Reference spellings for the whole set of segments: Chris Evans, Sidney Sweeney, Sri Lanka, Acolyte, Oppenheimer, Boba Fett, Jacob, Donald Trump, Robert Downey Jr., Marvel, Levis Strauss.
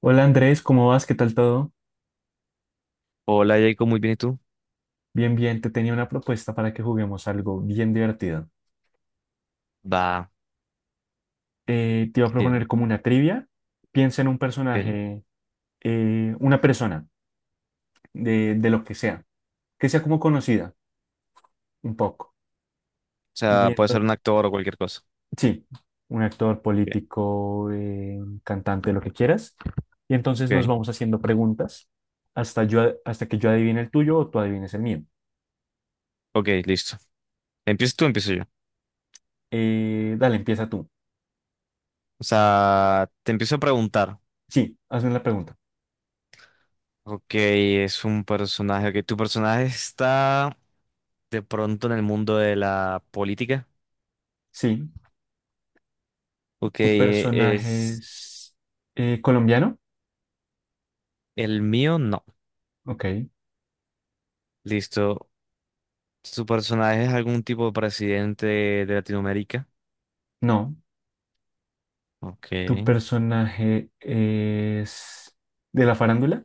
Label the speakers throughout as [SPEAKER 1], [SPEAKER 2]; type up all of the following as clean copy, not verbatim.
[SPEAKER 1] Hola Andrés, ¿cómo vas? ¿Qué tal todo?
[SPEAKER 2] Hola Jacob, muy bien, ¿y tú?
[SPEAKER 1] Bien, bien, te tenía una propuesta para que juguemos algo bien divertido.
[SPEAKER 2] Va,
[SPEAKER 1] Te iba a
[SPEAKER 2] qué
[SPEAKER 1] proponer
[SPEAKER 2] bien,
[SPEAKER 1] como una trivia. Piensa en un
[SPEAKER 2] ok. O
[SPEAKER 1] personaje, una persona, de lo que sea como conocida, un poco. Y
[SPEAKER 2] sea, puede ser un
[SPEAKER 1] entonces,
[SPEAKER 2] actor o cualquier cosa.
[SPEAKER 1] sí, un actor
[SPEAKER 2] Ok,
[SPEAKER 1] político, cantante, lo que quieras. Y entonces nos
[SPEAKER 2] ok,
[SPEAKER 1] vamos haciendo preguntas hasta, hasta que yo adivine el tuyo o tú adivines el mío.
[SPEAKER 2] ok, listo. ¿Empiezas tú o empiezo yo?
[SPEAKER 1] Dale, empieza tú.
[SPEAKER 2] O sea, te empiezo a preguntar.
[SPEAKER 1] Sí, hazme la pregunta.
[SPEAKER 2] Ok, es un personaje. Ok, ¿tu personaje está de pronto en el mundo de la política?
[SPEAKER 1] Sí,
[SPEAKER 2] Ok,
[SPEAKER 1] ¿tu personaje
[SPEAKER 2] ¿es
[SPEAKER 1] es colombiano?
[SPEAKER 2] el mío? No.
[SPEAKER 1] Ok.
[SPEAKER 2] Listo. ¿Su personaje es algún tipo de presidente de Latinoamérica?
[SPEAKER 1] No.
[SPEAKER 2] Ok.
[SPEAKER 1] ¿Tu personaje es de la farándula?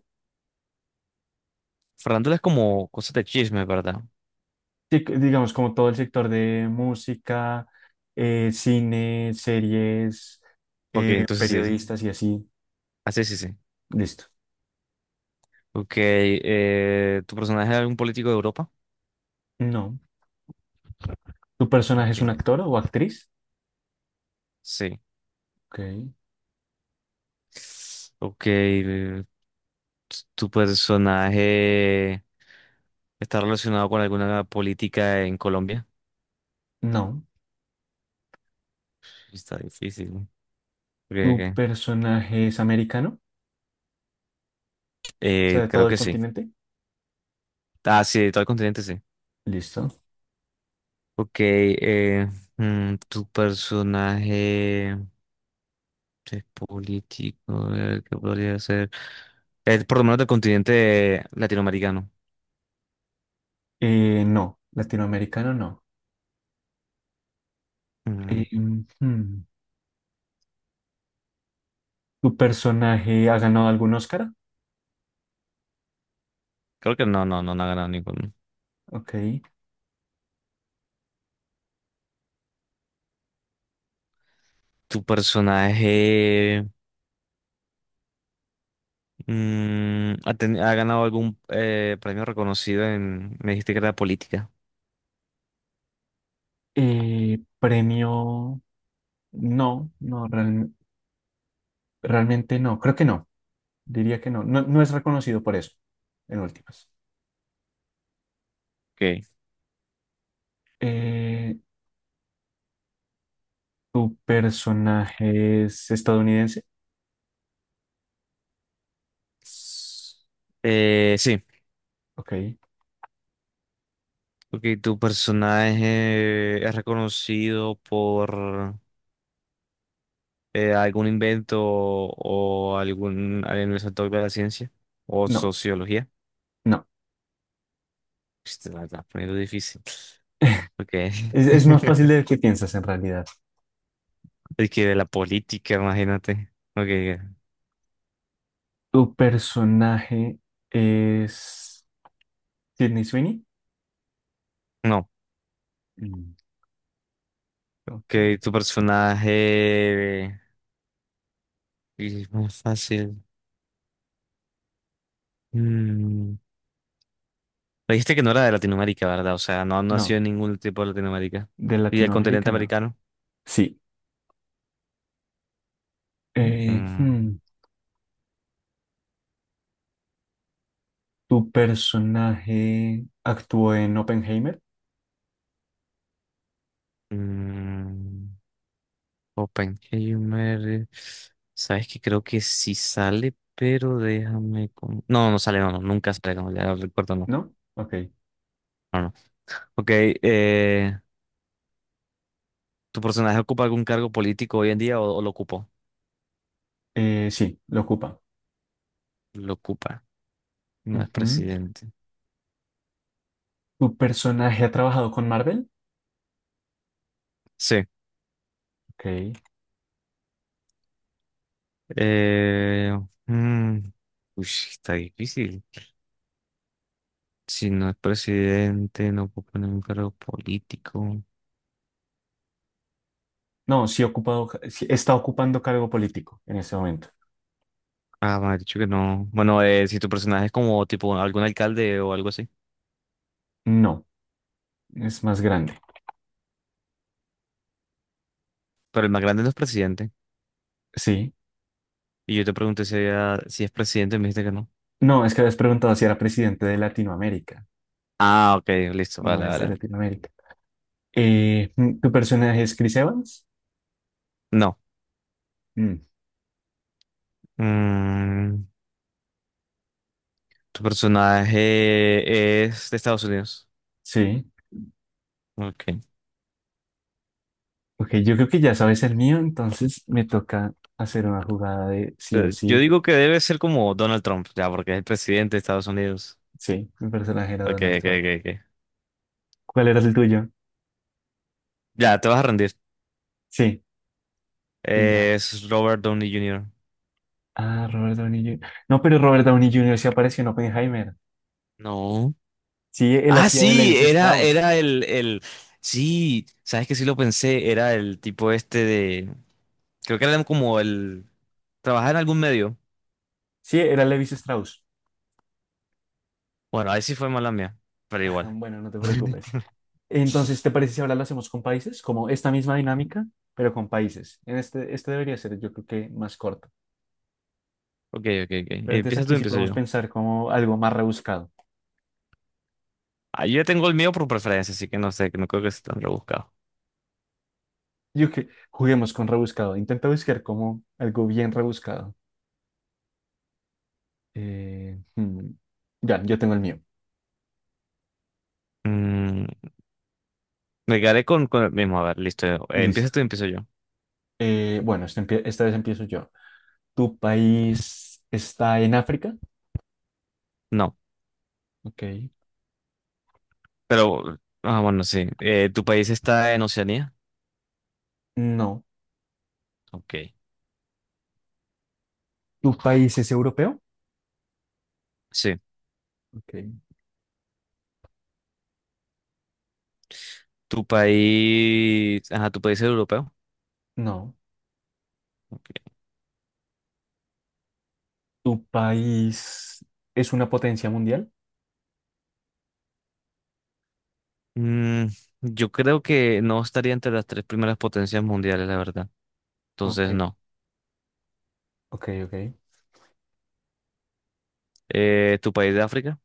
[SPEAKER 2] Fernando es como cosas de chisme, ¿verdad?
[SPEAKER 1] Sí, digamos, como todo el sector de música, cine, series,
[SPEAKER 2] Ok, entonces sí.
[SPEAKER 1] periodistas y así.
[SPEAKER 2] Así sí, sí.
[SPEAKER 1] Listo.
[SPEAKER 2] Ok, ¿tu personaje es algún político de Europa?
[SPEAKER 1] No. ¿Tu personaje
[SPEAKER 2] Ok,
[SPEAKER 1] es un actor o actriz?
[SPEAKER 2] sí.
[SPEAKER 1] Ok.
[SPEAKER 2] Ok, ¿tu personaje está relacionado con alguna política en Colombia?
[SPEAKER 1] No.
[SPEAKER 2] Está difícil, ¿no? Ok,
[SPEAKER 1] ¿Tu
[SPEAKER 2] ok.
[SPEAKER 1] personaje es americano? O sea, de todo
[SPEAKER 2] Creo
[SPEAKER 1] el
[SPEAKER 2] que sí.
[SPEAKER 1] continente.
[SPEAKER 2] Ah, sí, de todo el continente sí.
[SPEAKER 1] Listo.
[SPEAKER 2] Ok, ¿tu personaje es político? ¿Qué podría ser? Es por lo menos del continente latinoamericano.
[SPEAKER 1] No. Latinoamericano no.
[SPEAKER 2] Mm,
[SPEAKER 1] Eh, ¿Tu personaje ha ganado algún Oscar?
[SPEAKER 2] Creo que no, no, no, no ha ganado ninguno.
[SPEAKER 1] Ok.
[SPEAKER 2] ¿Tu personaje ha ganado algún premio reconocido en... Me dijiste que era política.
[SPEAKER 1] Premio, no, no, realmente no, creo que no, diría que no, no, no es reconocido por eso, en últimas.
[SPEAKER 2] Ok.
[SPEAKER 1] Eh, ¿Tu personaje es estadounidense?
[SPEAKER 2] Sí.
[SPEAKER 1] Ok,
[SPEAKER 2] Ok, ¿tu personaje es reconocido por algún invento o algún sector de la ciencia? ¿O
[SPEAKER 1] no,
[SPEAKER 2] sociología?
[SPEAKER 1] no,
[SPEAKER 2] Este, la estás poniendo difícil. Ok.
[SPEAKER 1] es más fácil de lo que piensas en realidad.
[SPEAKER 2] Es que de la política, imagínate. Ok. Ok.
[SPEAKER 1] ¿Tu personaje es Sidney Sweeney?
[SPEAKER 2] No.
[SPEAKER 1] Mm, ok,
[SPEAKER 2] Que tu personaje es muy fácil. Mm, Me dijiste que no era de Latinoamérica, ¿verdad? O sea, no, no ha sido
[SPEAKER 1] no,
[SPEAKER 2] ningún tipo de Latinoamérica.
[SPEAKER 1] de
[SPEAKER 2] ¿Y del continente
[SPEAKER 1] Latinoamérica no.
[SPEAKER 2] americano?
[SPEAKER 1] Sí. Eh,
[SPEAKER 2] Mm,
[SPEAKER 1] hmm, Tu personaje actuó en Oppenheimer,
[SPEAKER 2] mm, Oppenheimer. Sabes que creo que sí sale, pero déjame, no, no sale, no, no, nunca sale, no, ya recuerdo, no.
[SPEAKER 1] ¿no? Ok.
[SPEAKER 2] No, no. Ok, ¿tu personaje ocupa algún cargo político hoy en día o lo ocupó?
[SPEAKER 1] Sí, lo ocupa.
[SPEAKER 2] Lo ocupa, no es
[SPEAKER 1] Ujú.
[SPEAKER 2] presidente.
[SPEAKER 1] ¿Tu personaje ha trabajado con Marvel?
[SPEAKER 2] Sí.
[SPEAKER 1] Ok.
[SPEAKER 2] Eh, mm, uy, está difícil. Si no es presidente, no puedo poner un cargo político.
[SPEAKER 1] No, sí, ha ocupado, sí está ocupando cargo político en ese momento.
[SPEAKER 2] Ah, me ha dicho que no. Bueno, si tu personaje es como tipo algún alcalde o algo así.
[SPEAKER 1] No, es más grande.
[SPEAKER 2] Pero el más grande no es presidente.
[SPEAKER 1] Sí.
[SPEAKER 2] Y yo te pregunté si es presidente y me dijiste que no.
[SPEAKER 1] No, es que habías preguntado si era presidente de Latinoamérica.
[SPEAKER 2] Ah, ok, listo,
[SPEAKER 1] No
[SPEAKER 2] vale,
[SPEAKER 1] es de
[SPEAKER 2] vale.
[SPEAKER 1] Latinoamérica. ¿Tu personaje es Chris Evans?
[SPEAKER 2] No.
[SPEAKER 1] Mm,
[SPEAKER 2] Mm, Tu personaje es de Estados Unidos.
[SPEAKER 1] sí.
[SPEAKER 2] Ok.
[SPEAKER 1] Ok, yo creo que ya sabes el mío, entonces me toca hacer una jugada de
[SPEAKER 2] O
[SPEAKER 1] sí
[SPEAKER 2] sea,
[SPEAKER 1] o
[SPEAKER 2] yo
[SPEAKER 1] sí.
[SPEAKER 2] digo que debe ser como Donald Trump, ya, porque es el presidente de Estados Unidos.
[SPEAKER 1] Sí, mi personaje era
[SPEAKER 2] Ok,
[SPEAKER 1] Donald
[SPEAKER 2] ok,
[SPEAKER 1] Trump.
[SPEAKER 2] ok. Ok.
[SPEAKER 1] ¿Cuál era el tuyo?
[SPEAKER 2] Ya, te vas a rendir.
[SPEAKER 1] Sí, sí, ya.
[SPEAKER 2] Es Robert Downey Jr.
[SPEAKER 1] Ah, Robert Downey Jr. No, pero Robert Downey Jr. sí apareció en Oppenheimer.
[SPEAKER 2] No.
[SPEAKER 1] Sí, él
[SPEAKER 2] Ah,
[SPEAKER 1] hacía de
[SPEAKER 2] sí,
[SPEAKER 1] Levis
[SPEAKER 2] era,
[SPEAKER 1] Strauss.
[SPEAKER 2] era el. Sí, sabes que sí lo pensé. Era el tipo este de. Creo que era como el. Trabajar en algún medio.
[SPEAKER 1] Sí, era Levis Strauss.
[SPEAKER 2] Bueno, ahí sí fue mala mía. Pero igual.
[SPEAKER 1] Bueno, no te preocupes. Entonces, ¿te parece si ahora lo hacemos con países? Como esta misma dinámica, pero con países. En este, este debería ser, yo creo que más corto.
[SPEAKER 2] Ok, ok, ok.
[SPEAKER 1] Pero entonces
[SPEAKER 2] Empieza tú,
[SPEAKER 1] aquí sí
[SPEAKER 2] empiezo
[SPEAKER 1] podemos
[SPEAKER 2] yo.
[SPEAKER 1] pensar como algo más rebuscado.
[SPEAKER 2] Ah, yo ya tengo el mío por preferencia, así que no sé, que no creo que sea tan rebuscado.
[SPEAKER 1] Yo que juguemos con rebuscado. Intenta buscar como algo bien rebuscado. Eh, hmm, Ya, yo tengo el mío.
[SPEAKER 2] Mm, Me quedaré con, el mismo. A ver, listo. Empieza
[SPEAKER 1] Listo.
[SPEAKER 2] tú, empiezo yo.
[SPEAKER 1] Bueno, esta vez empiezo yo. ¿Tu país está en África?
[SPEAKER 2] No,
[SPEAKER 1] Ok.
[SPEAKER 2] pero. Ah, bueno, sí. ¿Tu país está en Oceanía?
[SPEAKER 1] No.
[SPEAKER 2] Ok,
[SPEAKER 1] ¿Tu país es europeo?
[SPEAKER 2] sí.
[SPEAKER 1] Ok.
[SPEAKER 2] ¿Tu país, ajá, tu país es europeo?
[SPEAKER 1] No.
[SPEAKER 2] Ok.
[SPEAKER 1] ¿Tu país es una potencia mundial?
[SPEAKER 2] Mm, yo creo que no estaría entre las tres primeras potencias mundiales, la verdad.
[SPEAKER 1] Ok.
[SPEAKER 2] Entonces, no.
[SPEAKER 1] Ok, ok.
[SPEAKER 2] ¿Tu país de África?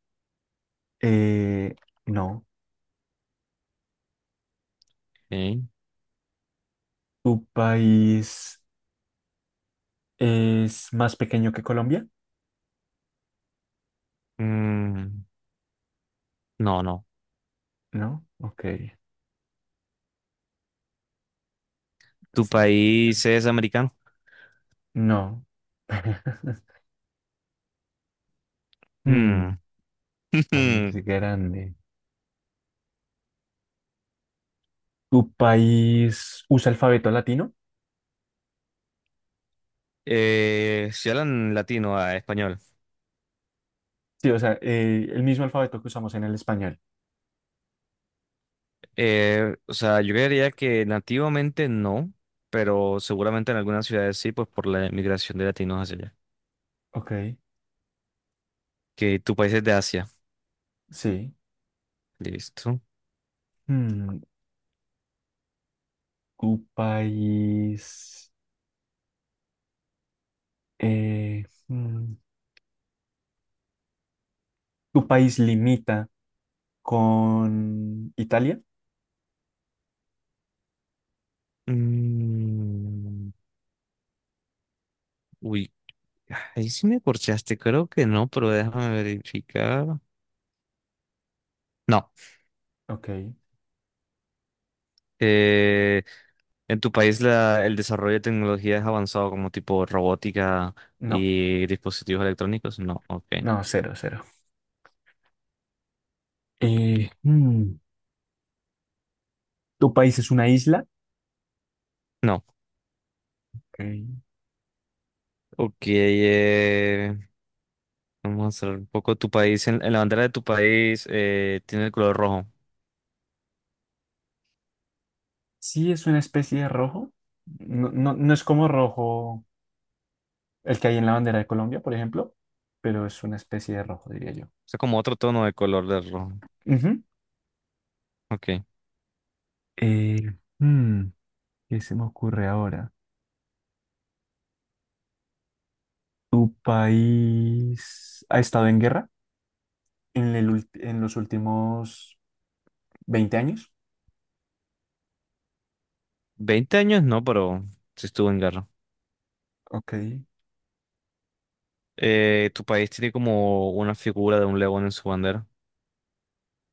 [SPEAKER 1] Eh, no.
[SPEAKER 2] Ok.
[SPEAKER 1] ¿Tu país es más pequeño que Colombia?
[SPEAKER 2] Mm, no, no.
[SPEAKER 1] No. Ok.
[SPEAKER 2] ¿Tu
[SPEAKER 1] Sí.
[SPEAKER 2] país es americano?
[SPEAKER 1] No. Hmm,
[SPEAKER 2] Mm.
[SPEAKER 1] país grande. ¿Tu país usa alfabeto latino?
[SPEAKER 2] Si hablan latino a español.
[SPEAKER 1] Sí, o sea, el mismo alfabeto que usamos en el español.
[SPEAKER 2] O sea, yo creería que nativamente no, pero seguramente en algunas ciudades sí, pues por la migración de latinos hacia allá.
[SPEAKER 1] Ok,
[SPEAKER 2] Que tu país es de Asia.
[SPEAKER 1] sí.
[SPEAKER 2] Listo.
[SPEAKER 1] Mm, tu país. eh, mm, Tu país limita con Italia.
[SPEAKER 2] Mm, Uy, ahí sí me corchaste, creo que no, pero déjame verificar. No,
[SPEAKER 1] Ok,
[SPEAKER 2] eh, en tu país el desarrollo de tecnología es avanzado como tipo robótica
[SPEAKER 1] no,
[SPEAKER 2] y dispositivos electrónicos. No, ok.
[SPEAKER 1] no, cero, cero. Eh, mm, Tu país es una isla.
[SPEAKER 2] No,
[SPEAKER 1] Ok.
[SPEAKER 2] ok. Vamos a hacer un poco tu país, en la bandera de tu país tiene el color rojo. O
[SPEAKER 1] Sí, es una especie de rojo. No, no, no es como rojo el que hay en la bandera de Colombia, por ejemplo, pero es una especie de rojo, diría yo.
[SPEAKER 2] sea, como otro tono de color del rojo.
[SPEAKER 1] Ujú.
[SPEAKER 2] Ok.
[SPEAKER 1] Eh, mm, ¿Qué se me ocurre ahora? ¿Tu país ha estado en guerra en el en los últimos 20 años?
[SPEAKER 2] 20 años, no, pero sí estuvo en guerra.
[SPEAKER 1] Ok,
[SPEAKER 2] Tu país tiene como una figura de un león en su bandera.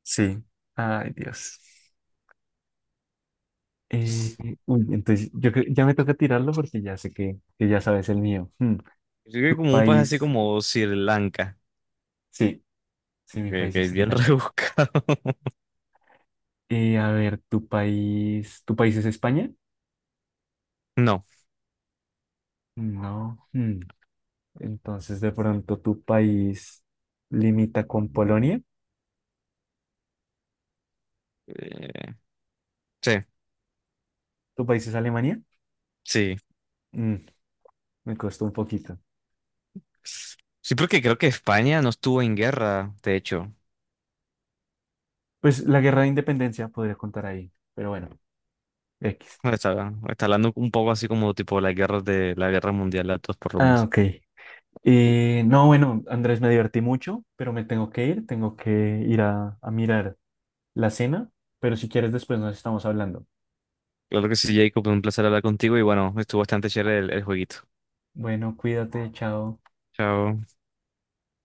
[SPEAKER 1] sí. Ay, Dios. Eh, entonces, ya me toca tirarlo porque ya sé que ya sabes el mío. Hmm.
[SPEAKER 2] Yo creo
[SPEAKER 1] ¿Tu
[SPEAKER 2] que como un país así
[SPEAKER 1] país?
[SPEAKER 2] como Sri Lanka,
[SPEAKER 1] Sí, sí, mi
[SPEAKER 2] que,
[SPEAKER 1] país
[SPEAKER 2] que
[SPEAKER 1] es
[SPEAKER 2] es
[SPEAKER 1] Sri
[SPEAKER 2] bien
[SPEAKER 1] Lanka.
[SPEAKER 2] rebuscado.
[SPEAKER 1] A ver, ¿tu país? ¿Tu país es España?
[SPEAKER 2] No.
[SPEAKER 1] No. Hmm. Entonces, de pronto, ¿tu país limita con Polonia?
[SPEAKER 2] eh, sí,
[SPEAKER 1] ¿Tu país es Alemania?
[SPEAKER 2] sí.
[SPEAKER 1] Mm, me costó un poquito.
[SPEAKER 2] Sí, porque creo que España no estuvo en guerra, de hecho.
[SPEAKER 1] Pues la guerra de independencia podría contar ahí, pero bueno, X.
[SPEAKER 2] Está hablando un poco así como tipo las guerras de la guerra mundial, las dos por lo
[SPEAKER 1] Ah,
[SPEAKER 2] menos.
[SPEAKER 1] ok. No, bueno, Andrés, me divertí mucho, pero me tengo que ir a mirar la cena, pero si quieres después nos estamos hablando.
[SPEAKER 2] Claro que sí, Jacob, un placer hablar contigo y bueno, estuvo bastante chévere el jueguito.
[SPEAKER 1] Bueno, cuídate, chao.
[SPEAKER 2] Chao.